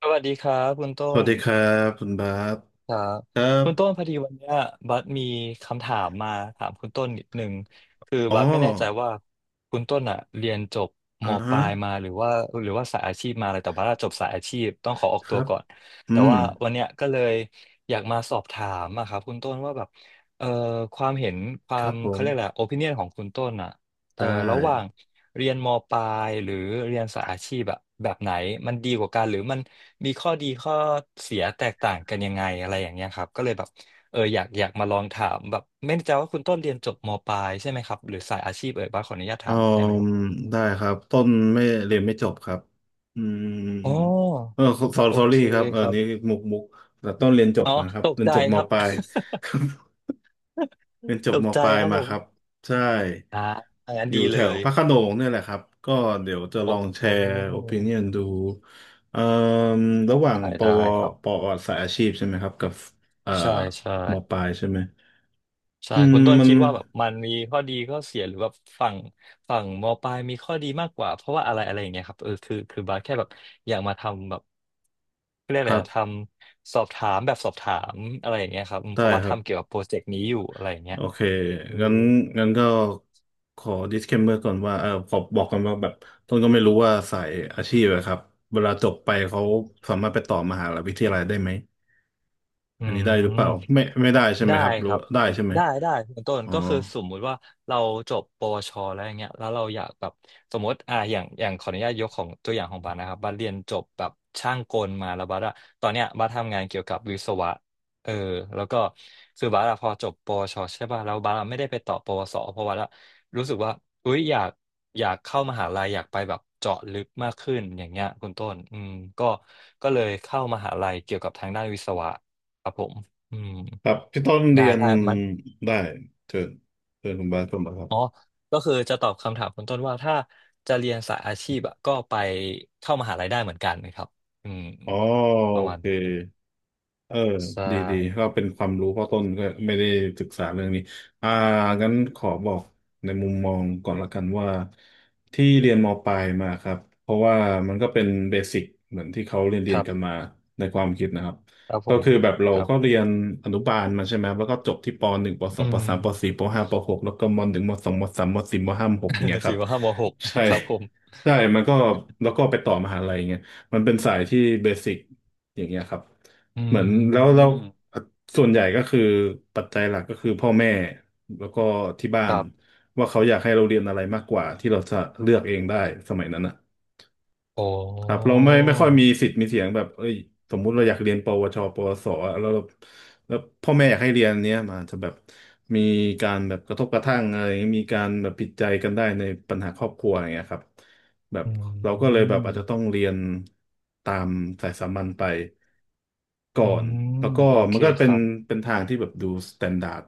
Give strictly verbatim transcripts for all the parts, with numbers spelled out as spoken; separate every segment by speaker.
Speaker 1: สวัสดีครับคุณ
Speaker 2: ส
Speaker 1: ต้
Speaker 2: วัส
Speaker 1: น
Speaker 2: ดีครับคุณบาส
Speaker 1: ครับ
Speaker 2: ครับ
Speaker 1: คุณต้นพอดีวันเนี้ยบัสมีคำถามมาถามคุณต้นนิดนึงคือ
Speaker 2: อ๋อ
Speaker 1: บัสไม่แน่ใจว่าคุณต้นอ่ะเรียนจบ
Speaker 2: อ่า
Speaker 1: มป
Speaker 2: ฮะ
Speaker 1: ลายมาหรือว่าหรือว่าสายอาชีพมาอะไรแต่บัสอะจบสายอาชีพต้องขอออก
Speaker 2: ค
Speaker 1: ตั
Speaker 2: รั
Speaker 1: ว
Speaker 2: บ
Speaker 1: ก่อน
Speaker 2: อื
Speaker 1: แต่
Speaker 2: ม
Speaker 1: ว่าวันเนี้ยก็เลยอยากมาสอบถามอะครับคุณต้นว่าแบบเอ่อความเห็นควา
Speaker 2: ครั
Speaker 1: ม
Speaker 2: บผ
Speaker 1: เขา
Speaker 2: ม
Speaker 1: เรียกอะไรโอปิเนียนของคุณต้นอ่ะ เอ
Speaker 2: ได้
Speaker 1: อระหว่างเรียนมปลายหรือเรียนสายอาชีพอะแบบไหนมันดีกว่ากันหรือมันมีข้อดีข้อเสียแตกต่างกันยังไงอะไรอย่างเงี้ยครับก็เลยแบบเอออยากอยากมาลองถามแบบไม่แน่ใจว่าคุณต้นเรียนจบมปลายใช่ไหมครับหรือสายอาชีพเอ่ยบ้างขออนุญาต
Speaker 2: อื
Speaker 1: ถามได้ไหม
Speaker 2: ม
Speaker 1: ครับ
Speaker 2: ได้ครับต้นไม่เรียนไม่จบครับอืม
Speaker 1: อ๋อ
Speaker 2: เออ
Speaker 1: โอ
Speaker 2: สอ
Speaker 1: เค
Speaker 2: รี่ครับเออ
Speaker 1: ครับ
Speaker 2: นี่มุกมุกแต่ต้นเรียนจบ
Speaker 1: อ๋อ
Speaker 2: นะครับ
Speaker 1: ตก
Speaker 2: เรียน
Speaker 1: ใจ
Speaker 2: จบม
Speaker 1: ครับ
Speaker 2: ปลาย เรียน จ
Speaker 1: ต
Speaker 2: บ
Speaker 1: ก
Speaker 2: ม
Speaker 1: ใจ
Speaker 2: ปลาย
Speaker 1: ครับ
Speaker 2: มา
Speaker 1: ผ
Speaker 2: ครับ
Speaker 1: ม
Speaker 2: ใช่
Speaker 1: อันนั้น
Speaker 2: อยู่
Speaker 1: ดี
Speaker 2: แถ
Speaker 1: เล
Speaker 2: ว
Speaker 1: ย
Speaker 2: พระโขนงเนี่ยแหละครับก็เดี๋ยวจะ
Speaker 1: โอ
Speaker 2: ลองแช
Speaker 1: ้
Speaker 2: ร์โอปิเนียนดูเอ่อระหว่าง
Speaker 1: ได้
Speaker 2: ป
Speaker 1: ได้
Speaker 2: ว
Speaker 1: ครับ
Speaker 2: ปอสายอาชีพใช่ไหมครับกับเอ่อ
Speaker 1: ใช่ใช่
Speaker 2: มปลายใช่ไหม
Speaker 1: ใช่
Speaker 2: อืม
Speaker 1: คุณต้น
Speaker 2: มัน
Speaker 1: คิดว่าแบบมันมีข้อดีข้อเสียหรือแบบฝั่งฝั่งมปลายมีข้อดีมากกว่าเพราะว่าอะไรอะไรอย่างเงี้ยครับเออคือคือบาสแค่แบบอยากมาทำแบบเรียก
Speaker 2: ค
Speaker 1: อะไร
Speaker 2: รั
Speaker 1: อะท
Speaker 2: บ
Speaker 1: ำสอบถามแบบสอบถามอะไรอย่างเงี้ยครับอืมเพ
Speaker 2: ได้
Speaker 1: ราะว่า
Speaker 2: ครับ
Speaker 1: ทำเกี่ยวกับโปรเจกต์นี้อยู่อะไรอย่างเงี้
Speaker 2: โอ
Speaker 1: ย
Speaker 2: เค
Speaker 1: เออ
Speaker 2: งั้นงั้นก็ขอ disclaimer ก่อนว่าเออขอบอกกันว่าแบบต้นก็ไม่รู้ว่าสายอาชีพอะครับเวลาจบไปเขาสามารถไปต่อมหาวิทยาลัยได้ไหม
Speaker 1: อื
Speaker 2: อันนี้ได้ห
Speaker 1: ม
Speaker 2: รือเปล่าไม่ไม่ได้ใช่ไหม
Speaker 1: ได้
Speaker 2: ครับห
Speaker 1: ค
Speaker 2: รือ
Speaker 1: รับ
Speaker 2: ว่าได้ใช่ไหม
Speaker 1: ได้ได้คุณต้น
Speaker 2: อ๋อ
Speaker 1: ก็คือสมมุติว่าเราจบปวชแล้วอย่างเงี้ยแล้วเราอยากแบบสมมติอ่าอย่างอย่างขออนุญาตยกของตัวอย่างของบาสนะครับบาสเรียนจบแบบช่างกลมาแล้วบาสอะตอนเนี้ยบาสทำงานเกี่ยวกับวิศวะเออแล้วก็คือบาสอะพอจบปวชใช่ป่ะแล้วบาสอะไม่ได้ไปต่อปวสเพราะบาสอะรู้สึกว่าอุ้ยอยากอยากเข้ามหาลัยอยากไปแบบเจาะลึกมากขึ้นอย่างเงี้ยคุณต้นอืมก็ก็เลยเข้ามหาลัยเกี่ยวกับทางด้านวิศวะครับผมอืม
Speaker 2: ครับพี่ต้น
Speaker 1: ได้
Speaker 2: เรียน
Speaker 1: ได้มัน
Speaker 2: ได้เชิญเชิญคุณบาสเข้ามาครับ
Speaker 1: อ๋อก็คือจะตอบคำถามคุณต้นว่าถ้าจะเรียนสายอาชีพอะก็ไปเข้ามหาลัยได้เหมือนกันนะครับอืม
Speaker 2: อ๋อ
Speaker 1: ป
Speaker 2: โอ
Speaker 1: ระมาณ
Speaker 2: เค
Speaker 1: นั้น
Speaker 2: เออ
Speaker 1: ใช่
Speaker 2: ดีดีก็เป็นความรู้เพราะต้นก็ไม่ได้ศึกษาเรื่องนี้อ่างั้นขอบอกในมุมมองก่อนละกันว่าที่เรียนมปลายมาครับเพราะว่ามันก็เป็นเบสิกเหมือนที่เขาเรียนเรี
Speaker 1: ค
Speaker 2: ยน
Speaker 1: รับ
Speaker 2: กันมาในความคิดนะครับ
Speaker 1: ครับผ
Speaker 2: ก็
Speaker 1: ม
Speaker 2: คือแบบเรา
Speaker 1: ครั
Speaker 2: ก็
Speaker 1: บ
Speaker 2: เรียนอนุบาลมาใช่ไหมแล้วก็จบที่ปหนึ่งปส
Speaker 1: อื
Speaker 2: องป
Speaker 1: ม
Speaker 2: สามปสี่ปห้าปหกแล้วก็มหนึ่งมสองมสามมสี่มห้ามหกเนี่ย ครั
Speaker 1: สี่
Speaker 2: บ
Speaker 1: ว่าห้ามหก
Speaker 2: ใช่
Speaker 1: ครับผม
Speaker 2: ใช่มันก็แล้วก็ไปต่อมหาลัยเงี้ยมันเป็นสายที่เบสิกอย่างเงี้ยครับ
Speaker 1: อื
Speaker 2: เหมือนแล้วแล้ว
Speaker 1: ม
Speaker 2: ส่วนใหญ่ก็คือปัจจัยหลักก็คือพ่อแม่แล้วก็ที่บ้า
Speaker 1: ค
Speaker 2: น
Speaker 1: รับ
Speaker 2: ว่าเขาอยากให้เราเรียนอะไรมากกว่าที่เราจะเลือกเองได้สมัยนั้นนะ
Speaker 1: โอ้
Speaker 2: ครับเราไม่ไม่ค่อยมีสิทธิ์มีเสียงแบบเอ้ยสมมุติเราอยากเรียนปวชปวสอะแล้วเราแล้วพ่อแม่อยากให้เรียนเนี้ยมันจะแบบมีการแบบกระทบกระทั่งอะไรมีการแบบผิดใจกันได้ในปัญหาครอบครัวอย่างเงี้ยครับแบบ
Speaker 1: อื
Speaker 2: เราก็เลยแบบ
Speaker 1: ม
Speaker 2: อาจจะต้องเรียนตามสายสามัญไป ก่อ
Speaker 1: อื
Speaker 2: น
Speaker 1: ม
Speaker 2: แล้วก็
Speaker 1: โอ
Speaker 2: มั
Speaker 1: เค
Speaker 2: นก็
Speaker 1: ค
Speaker 2: เป็น
Speaker 1: รับ
Speaker 2: เป็นทางที่แบบดูสแตนดาร์ด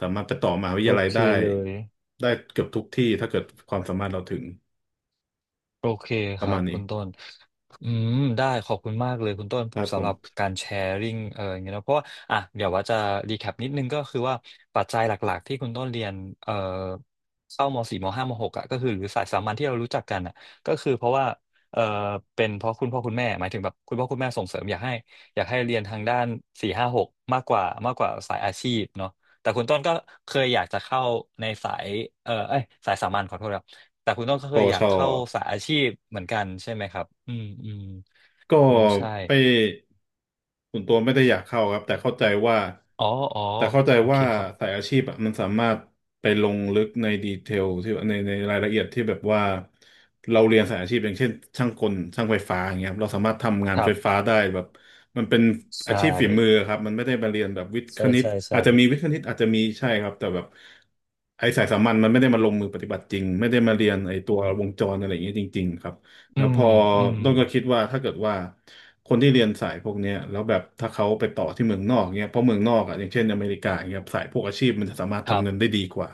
Speaker 2: สามารถไปต่อมหาวิท
Speaker 1: โอ
Speaker 2: ยาลัย
Speaker 1: เค
Speaker 2: ได้
Speaker 1: เลย
Speaker 2: ได้เกือบทุกที่ถ้าเกิดความสามารถเราถึง
Speaker 1: โอเค
Speaker 2: ป
Speaker 1: ค
Speaker 2: ระ
Speaker 1: รั
Speaker 2: มา
Speaker 1: บ
Speaker 2: ณ
Speaker 1: คุ
Speaker 2: นี้
Speaker 1: ณต้นอืมได้ขอบคุณมากเลยคุณต้น
Speaker 2: ครับผ
Speaker 1: สำห
Speaker 2: ม
Speaker 1: รับการแชร์ริ่งเอออย่างเงี้ยเนอะเพราะว่าอ่ะเดี๋ยวว่าจะรีแคปนิดนึงก็คือว่าปัจจัยหลักๆที่คุณต้นเรียนเอ่อเข้ามสี่มห้ามหกอ่ะก็คือหรือสายสามัญที่เรารู้จักกันอ่ะก็คือเพราะว่าเออเป็นเพราะคุณพ่อคุณแม่หมายถึงแบบคุณพ่อคุณแม่ส่งเสริมอยากให้อยากให้เรียนทางด้านสี่ห้าหกมากกว่ามากกว่าสายอาชีพเนาะแต่คุณต้นก็เคยอยากจะเข้าในสายเออเอ้ยสายสามัญขอโทษครับ แต่คุณต้องเค
Speaker 2: ป
Speaker 1: ย
Speaker 2: ว
Speaker 1: อยา
Speaker 2: ช
Speaker 1: กเข้าสายอาชีพเหมือนกันใช่ไหมครับอืมอืม
Speaker 2: ก็
Speaker 1: อืมใช่
Speaker 2: ไปส่วนตัวไม่ได้อยากเข้าครับแต่เข้าใจว่า
Speaker 1: อ๋ออ๋อ
Speaker 2: แต่เข้าใจ
Speaker 1: โอเค
Speaker 2: ว่า
Speaker 1: ครับ
Speaker 2: สายอาชีพอะมันสามารถไปลงลึกในดีเทลที่ในในรายละเอียดที่แบบว่าเราเรียนสายอาชีพอย่างเช่นช่างกลช่างไฟฟ้าอย่างเงี้ยครับเราสามารถทำงาน
Speaker 1: ครั
Speaker 2: ไฟ
Speaker 1: บ
Speaker 2: ฟ้าได้แบบมันเป็น
Speaker 1: ใช
Speaker 2: อาชีพฝีมือ
Speaker 1: ่
Speaker 2: ครับมันไม่ได้มาเรียนแบบวิทย์ค
Speaker 1: ใช่
Speaker 2: ณิต
Speaker 1: ใช่
Speaker 2: อา
Speaker 1: ใช่
Speaker 2: จจะมีวิทย์คณิตอาจจะมีใช่ครับแต่แบบไอ้สายสามัญมันไม่ได้มาลงมือปฏิบัติจริงไม่ได้มาเรียนไอ้ตัววงจรอะไรอย่างเงี้ยจริงๆครับ
Speaker 1: อื
Speaker 2: แล้วพ
Speaker 1: ม
Speaker 2: อ
Speaker 1: อืม
Speaker 2: ต้นก็คิดว่าถ้าเกิดว่าคนที่เรียนสายพวกเนี้ยแล้วแบบถ้าเขาไปต่อที่เมืองนอกเนี้ยเพราะเมืองนอกอ่ะอย่างเช่นอเมริกาเงี้ยสายพวกอาชีพมันจะสามารถ
Speaker 1: ครั
Speaker 2: ทำ
Speaker 1: บ
Speaker 2: เงินได้ดีกว่า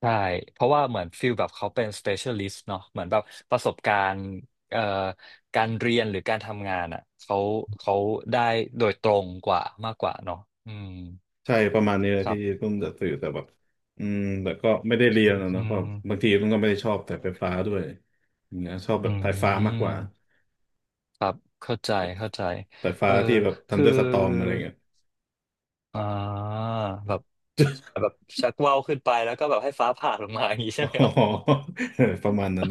Speaker 1: ใช่เพราะว่าเหมือนฟิลแบบเขาเป็น specialist เนาะเหมือนแบบประสบการณ์เอ่อการเรียนหรือการทำงานอ่ะเขาเขาได้โดยตรงกว่ามากกว่าเนาะอืม
Speaker 2: ใช่ประมาณนี้เลย
Speaker 1: ครั
Speaker 2: ที่
Speaker 1: บ
Speaker 2: ต้นจะสื่อแต่แบบอืมแต่ก็ไม่ได้เรี
Speaker 1: อื
Speaker 2: ยน
Speaker 1: ม
Speaker 2: อะ
Speaker 1: อื
Speaker 2: เนาะเพราะ
Speaker 1: ม
Speaker 2: บางทีต้นก็ไม่ได้ชอบแต่ไฟฟ้าด้วยอย่างเงี้ยชอบแบ
Speaker 1: อื
Speaker 2: บสายฟ้ามากกว่า
Speaker 1: มครับเข้าใจเข้าใจ
Speaker 2: สาย
Speaker 1: เอ
Speaker 2: ฟ้า
Speaker 1: อ
Speaker 2: ที่แบบทัน
Speaker 1: คือ
Speaker 2: เดอร์สตอมอะไรเงี้ย
Speaker 1: อ่าแบบแบบชักว่าวขึ้นไปแล้วก็แบบให้ฟ้าผ่าลงมา อย่างนี้ ใช่
Speaker 2: อ๋อ
Speaker 1: ไหม
Speaker 2: ประมาณนั้น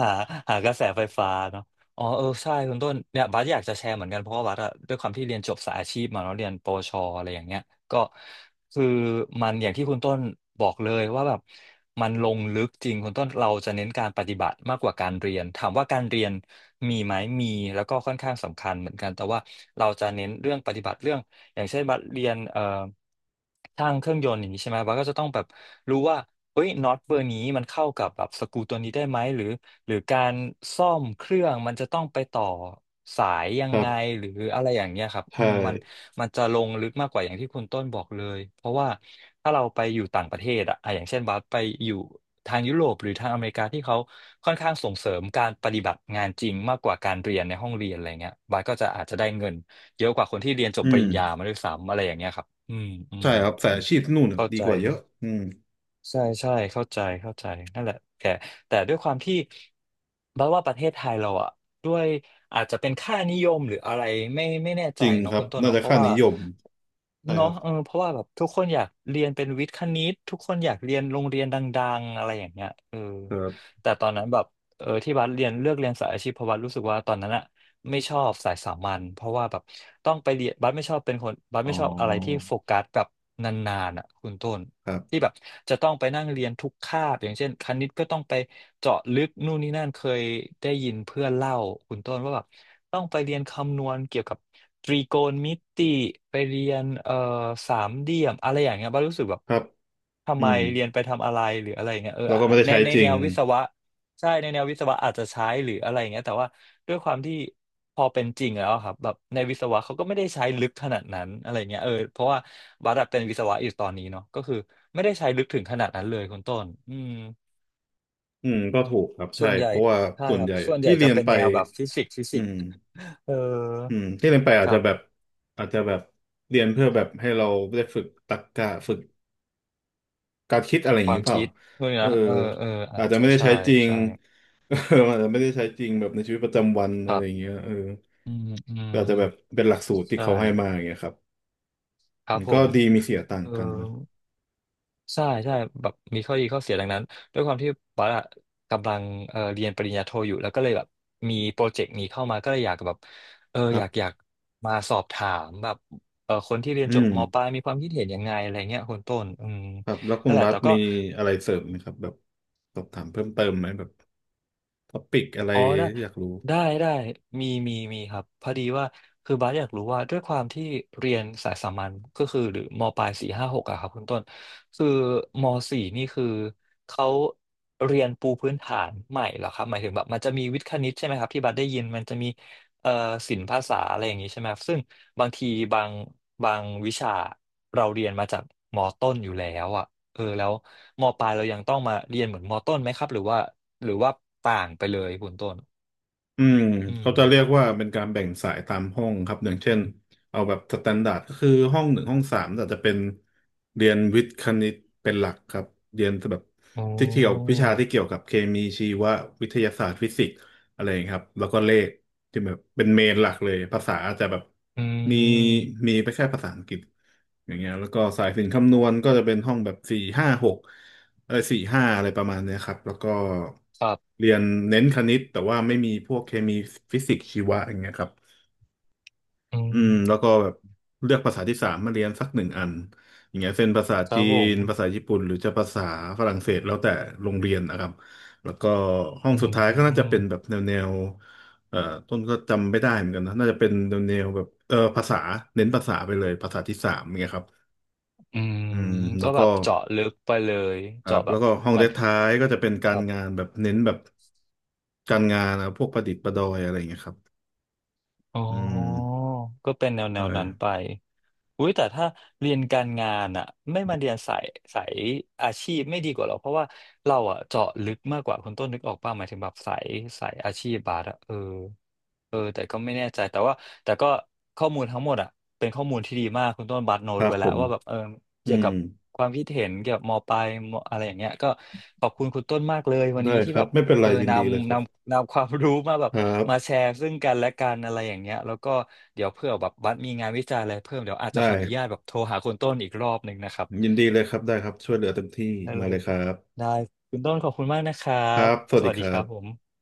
Speaker 1: หาหากระแสไฟฟ้าเนาะอ๋อเออใช่คุณต้นเนี่ยบัสอยากจะแชร์เหมือนกันเพราะว่าบัสอะด้วยความที่เรียนจบสายอาชีพมาเนาะเรียนปวชอะไรอย่างเงี้ยก็คือมันอย่างที่คุณต้นบอกเลยว่าแบบมันลงลึกจริงคุณต้นเราจะเน้นการปฏิบัติมากกว่าการเรียนถามว่าการเรียนมีไหมมีแล้วก็ค่อนข้างสำคัญเหมือนกันแต่ว่าเราจะเน้นเรื่องปฏิบัติเรื่องอย่างเช่นบัสเรียนเอ่อช่างเครื่องยนต์อย่างนี้ใช่ไหมบัสก็จะต้องแบบรู้ว่าเอ้ยน็อตเบอร์นี้มันเข้ากับแบบสกรูตัวนี้ได้ไหมหรือ หรือการซ่อมเครื่องมันจะต้องไปต่อสายยั
Speaker 2: ค
Speaker 1: ง
Speaker 2: รั
Speaker 1: ไง
Speaker 2: บ
Speaker 1: หรืออะไรอย่างเงี้ยครับอื
Speaker 2: ใช่
Speaker 1: มมันมันจะลงลึกมากกว่าอย่างที่คุณต้นบอกเลยเพราะว่าถ้าเราไปอยู่ต่างประเทศอะอ่ะอย่างเช่นบัสไปอยู่ทางยุโรปหรือทางอเมริกาที่เขาค่อนข้างส่งเสริมการปฏิบัติงานจริงมากกว่าการเรียนในห้องเรียนอะไรเงี้ยบัสก็จะอาจจะได้เงินเยอะกว่าคนที่เรียนจ
Speaker 2: อื
Speaker 1: บปริ
Speaker 2: ม
Speaker 1: ญญามาด้วยซ้ำอะไรอย่างเงี้ยครับอืมอื
Speaker 2: ใช่
Speaker 1: ม
Speaker 2: ครับสายอาชีพที่นู่นน่ะ
Speaker 1: เข้า
Speaker 2: ดี
Speaker 1: ใจ
Speaker 2: กว่าเยอะอืม
Speaker 1: ใช่ใช่เข้าใจเข้าใจนั่นแหละแต่แต่ด้วยความที่บัดว่าประเทศไทยเราอะด้วยอาจจะเป็นค่านิยมหรืออะไรไม่ไม่แน่
Speaker 2: จ
Speaker 1: ใจ
Speaker 2: ริง
Speaker 1: เนาะ
Speaker 2: ครั
Speaker 1: คุ
Speaker 2: บ
Speaker 1: ณต้น
Speaker 2: น่า
Speaker 1: เนาะ
Speaker 2: จะ
Speaker 1: เพราะ
Speaker 2: ค่า
Speaker 1: ว่า
Speaker 2: นิยม ใช่ค
Speaker 1: เนาะ
Speaker 2: รับ
Speaker 1: เออเพราะว่าแบบทุกคนอยากเรียนเป็นวิทย์คณิตทุกคนอยากเรียนโรงเรียนดังๆอะไรอย่างเงี้ยเออ
Speaker 2: ครับ
Speaker 1: แต่ตอนนั้นแบบเออที่บัดเรียนเลือกเรียนสายอาชีพเพราะบัดรู้สึกว่าตอนนั้นอะไม่ชอบสายสามัญเพราะว่าแบบต้องไปเรียนบัดไม่ชอบเป็นคนบัด
Speaker 2: อ๋อ
Speaker 1: ไม่ชอบอะไรที่โฟกัสแบบนานๆอะคุณต้น
Speaker 2: ครั
Speaker 1: ที่
Speaker 2: บ
Speaker 1: แบบจะต้องไปนั่งเรียนทุกคาบอย่างเช่นคณิตก็ต้องไปเจาะลึกนู่นนี่นั่นเคยได้ยินเพื่อนเล่าคุณต้นว่าแบบต้องไปเรียนคำนวณเกี่ยวกับตรีโกณมิติไปเรียนเอ่อสามเหลี่ยมอะไรอย่างเงี้ยบ้างรู้สึกแบบ
Speaker 2: ครับ
Speaker 1: ทำ
Speaker 2: อื
Speaker 1: ไม
Speaker 2: ม
Speaker 1: เรียนไปทำอะไรหรืออะไรอย่างเงี้ยเออ
Speaker 2: แล้วก็ไม่ได้
Speaker 1: ใน
Speaker 2: ใช้
Speaker 1: ใน
Speaker 2: จริ
Speaker 1: แน
Speaker 2: ง
Speaker 1: ววิศวะ ใช่ในแนววิศวะอาจจะใช้หรืออะไรอย่างเงี้ยแต่ว่าด้วยความที่พอเป็นจริงแล้วอะครับแบบในวิศวะเขาก็ไม่ได้ใช้ลึกขนาดนั้นอะไรเงี้ยเออเพราะว่าบัตรเป็นวิศวะอยู่ตอนนี้เนาะก็คือไม่ได้ใช้ลึกถึงขนาดนั้นเลยคุณต้นอืม
Speaker 2: อืมก็ถูกครับ
Speaker 1: ส่
Speaker 2: ใช่
Speaker 1: วนใหญ่
Speaker 2: เพราะว่า
Speaker 1: ใช่
Speaker 2: ส่ว
Speaker 1: ค
Speaker 2: น
Speaker 1: รั
Speaker 2: ให
Speaker 1: บ
Speaker 2: ญ่
Speaker 1: ส่วนให
Speaker 2: ที่
Speaker 1: ญ่
Speaker 2: เรี
Speaker 1: จะ
Speaker 2: ยน
Speaker 1: เป็น
Speaker 2: ไป
Speaker 1: แนวแบบฟิสิกส์ฟิสิ
Speaker 2: อื
Speaker 1: กส์
Speaker 2: ม
Speaker 1: เออ
Speaker 2: อืมที่เรียนไปอา
Speaker 1: ค
Speaker 2: จ
Speaker 1: รั
Speaker 2: จะแบบ
Speaker 1: บ
Speaker 2: อาจจะแบบเรียนเพื่อแบบให้เราได้ฝึกตรรกะฝึกการคิดอะไรอย่า
Speaker 1: ค
Speaker 2: ง
Speaker 1: วา
Speaker 2: นี้
Speaker 1: ม
Speaker 2: เปล่า
Speaker 1: คิดพวกนี้
Speaker 2: เออ
Speaker 1: นะเออเอออา
Speaker 2: อา
Speaker 1: จ
Speaker 2: จจะ
Speaker 1: จะ
Speaker 2: ไม่ได้
Speaker 1: ใช่
Speaker 2: ใช้จริง
Speaker 1: ใช่
Speaker 2: เอออาจจะไม่ได้ใช้จริงแบบในชีวิตประจำวัน
Speaker 1: ค
Speaker 2: อะ
Speaker 1: รั
Speaker 2: ไรอย่าง
Speaker 1: บ
Speaker 2: เงี้ยเออ
Speaker 1: อืมอืม
Speaker 2: ก็อาจจะแบบเป็นหลักสูตรที่
Speaker 1: ใช่
Speaker 2: เขาให้มาอย่างเงี้ยครับ
Speaker 1: ค
Speaker 2: อื
Speaker 1: รับ
Speaker 2: ม
Speaker 1: ผ
Speaker 2: ก็
Speaker 1: ม
Speaker 2: ดีมีเสียต่าง
Speaker 1: เออ
Speaker 2: กันนะ
Speaker 1: ใช่ใช่แบบมีข้อดีข้อเสียดังนั้นด้วยความที่ปัสอะกำลังเอ่อเรียนปริญญาโทอยู่แล้วก็เลยแบบมีโปรเจกต์นี้เข้ามาก็เลยอยากแบบเออ
Speaker 2: ครั
Speaker 1: อยากอยา
Speaker 2: บ
Speaker 1: กมาสอบถามแบบเออคนที่เรียน
Speaker 2: อื
Speaker 1: จบ
Speaker 2: ม
Speaker 1: มปลายมีความคิดเห็นยังไงอะไรเงี้ยคนต้นอืม
Speaker 2: ครับแล้วคุ
Speaker 1: นั่
Speaker 2: ณ
Speaker 1: นแหละ
Speaker 2: บัส
Speaker 1: แต่ก็
Speaker 2: มีอะไรเสริมไหมครับแบบสอบถามเพิ่มเติมไหมแบบท็อปิกอะไร
Speaker 1: อ๋อได้
Speaker 2: ที่อยากรู้
Speaker 1: ได้ได้มีมีมีครับพอดีว่าคือบาสอยากรู้ว่าด้วยความที่เรียนสายสามัญก็คือหรือมปลายสี่ห้าหกอะครับคุณต้นคือมสี่นี่คือเขาเรียนปูพื้นฐานใหม่เหรอครับหมายถึงแบบมันจะมีวิทย์คณิตใช่ไหมครับที่บัสได้ยินมันจะมีเอ่อศิลปภาษาอะไรอย่างนี้ใช่ไหมครับซึ่งบางทีบางบางวิชาเราเรียนมาจากมต้นอยู่แล้วอะ เออแล้วมปลายเรายังต้องมาเรียนเหมือนมต้นไหมครับหรือว่าหรือว่าต่างไปเลยคุณต้น
Speaker 2: อืม
Speaker 1: อืม
Speaker 2: เขาจะเรียกว่าเป็นการแบ่งสายตามห้องครับอย่างเช่นเอาแบบสแตนดาร์ดก็คือห้องหนึ่งห้องสามแต่จะเป็นเรียนวิทย์คณิตเป็นหลักครับเรียนแบบ
Speaker 1: โอ้
Speaker 2: ที่เกี่ยววิชาที่เกี่ยวกับเคมีชีววิทยาศาสตร์ฟิสิกส์อะไรอย่างเงี้ยครับแล้วก็เลขที่แบบเป็นเมนหลักเลยภาษาอาจจะแบบ
Speaker 1: อื
Speaker 2: มี
Speaker 1: ม
Speaker 2: มีไปแค่ภาษาอังกฤษอย่างเงี้ยแล้วก็สายสิลคำนวณก็จะเป็นห้องแบบสี่ห้าหก เออสี่ห้าอะไรประมาณเนี้ยครับ แล้วก็
Speaker 1: ครับ
Speaker 2: เรียนเน้นคณิตแต่ว่าไม่มีพวกเคมีฟิสิกส์ชีวะอย่างเงี้ยครับ
Speaker 1: อื
Speaker 2: อื
Speaker 1: ม
Speaker 2: มแล้วก็แบบเลือกภาษาที่สามมาเรียนสักหนึ่งอันอย่างเงี้ยเช่นภาษา
Speaker 1: ครั
Speaker 2: จี
Speaker 1: บผ
Speaker 2: น
Speaker 1: ม
Speaker 2: ภาษาญี่ปุ่นหรือจะภาษาฝรั่งเศสแล้วแต่โรงเรียนนะครับ แล้วก็ห้อง
Speaker 1: อื
Speaker 2: สุดท้ายก็น่าจะ
Speaker 1: ม
Speaker 2: เป็นแบบแนวแนวเอ่อต้นก็จำไม่ได้เหมือนกันนะน่าจะเป็นแนวแนวแบบเออภาษาเน้นภาษาไปเลยภาษาที่สามอย่างเงี้ยครับ
Speaker 1: อืม
Speaker 2: อืมแล้
Speaker 1: ก็
Speaker 2: ว
Speaker 1: แบ
Speaker 2: ก็
Speaker 1: บเจาะลึกไปเลย
Speaker 2: ครั
Speaker 1: เจาะ
Speaker 2: บ
Speaker 1: แบ
Speaker 2: แล้
Speaker 1: บ
Speaker 2: วก็ห้องเด
Speaker 1: มัน
Speaker 2: ดท้ายก็จะเป็น
Speaker 1: ค
Speaker 2: การ
Speaker 1: รับ
Speaker 2: งานแบบเน้นแบบ การงานนะพวกประดิษฐ์ประดอยอะไรอย่างเงี้ยครับ
Speaker 1: อ๋อ
Speaker 2: อืม
Speaker 1: ก็เป็นแนวแน
Speaker 2: ใช่
Speaker 1: วนั้นไปอุ้ยแต่ถ้าเรียนการงานอะไม่มาเรียนสายสายอาชีพไม่ดีกว่าหรอเพราะว่าเราอะเจาะลึกมากกว่าคุณต้นนึกออกป่ะหมายถึงแบบสายสายอาชีพบาสอะเออ เออแต่ก็ไม่แน่ใจแต่ว่าแต่ก็ข้อมูลทั้งหมดอ่ะเป็นข้อมูลที่ดีมากคุณต้นบัตโน
Speaker 2: ค
Speaker 1: ด
Speaker 2: รับ
Speaker 1: ไว้
Speaker 2: ผ
Speaker 1: แล้ว
Speaker 2: ม
Speaker 1: ว่าแบบเออ
Speaker 2: อื
Speaker 1: เกี่ยว
Speaker 2: ม
Speaker 1: กับความคิดเห็นเกี่ยวกับมปลายมอะไรอย่างเงี้ยก็ขอบคุณคุณต้นมากเลยวัน
Speaker 2: ได้
Speaker 1: นี้
Speaker 2: ค
Speaker 1: ที่
Speaker 2: รั
Speaker 1: แบ
Speaker 2: บ
Speaker 1: บ
Speaker 2: ไม่เป็น
Speaker 1: เอ
Speaker 2: ไร
Speaker 1: อ
Speaker 2: ยิน
Speaker 1: น
Speaker 2: ดีเลยค
Speaker 1: ำน
Speaker 2: รับ
Speaker 1: ำนำความรู้มาแบบ
Speaker 2: ครับ
Speaker 1: มาแชร์ซึ่งกันและกันอะไรอย่างเงี้ยแล้วก็เดี๋ยวเพื่อแบบบัตมีงานวิจัยอะไรเพิ่มเดี๋ยวอาจจะข
Speaker 2: ได้
Speaker 1: ออนุญาตแบบโทรหาคุณต้นอีกรอบหนึ่งนะครับ
Speaker 2: ยินดีเลยครับได้ครับช่วยเหลือเต็มที่
Speaker 1: ได้
Speaker 2: มา
Speaker 1: เล
Speaker 2: เล
Speaker 1: ย
Speaker 2: ยครับ
Speaker 1: ได้คุณต้นขอบคุณมากนะครั
Speaker 2: ครั
Speaker 1: บ
Speaker 2: บสวั
Speaker 1: ส
Speaker 2: สดี
Speaker 1: วัส
Speaker 2: ค
Speaker 1: ดี
Speaker 2: รั
Speaker 1: ครับผ
Speaker 2: บ
Speaker 1: ม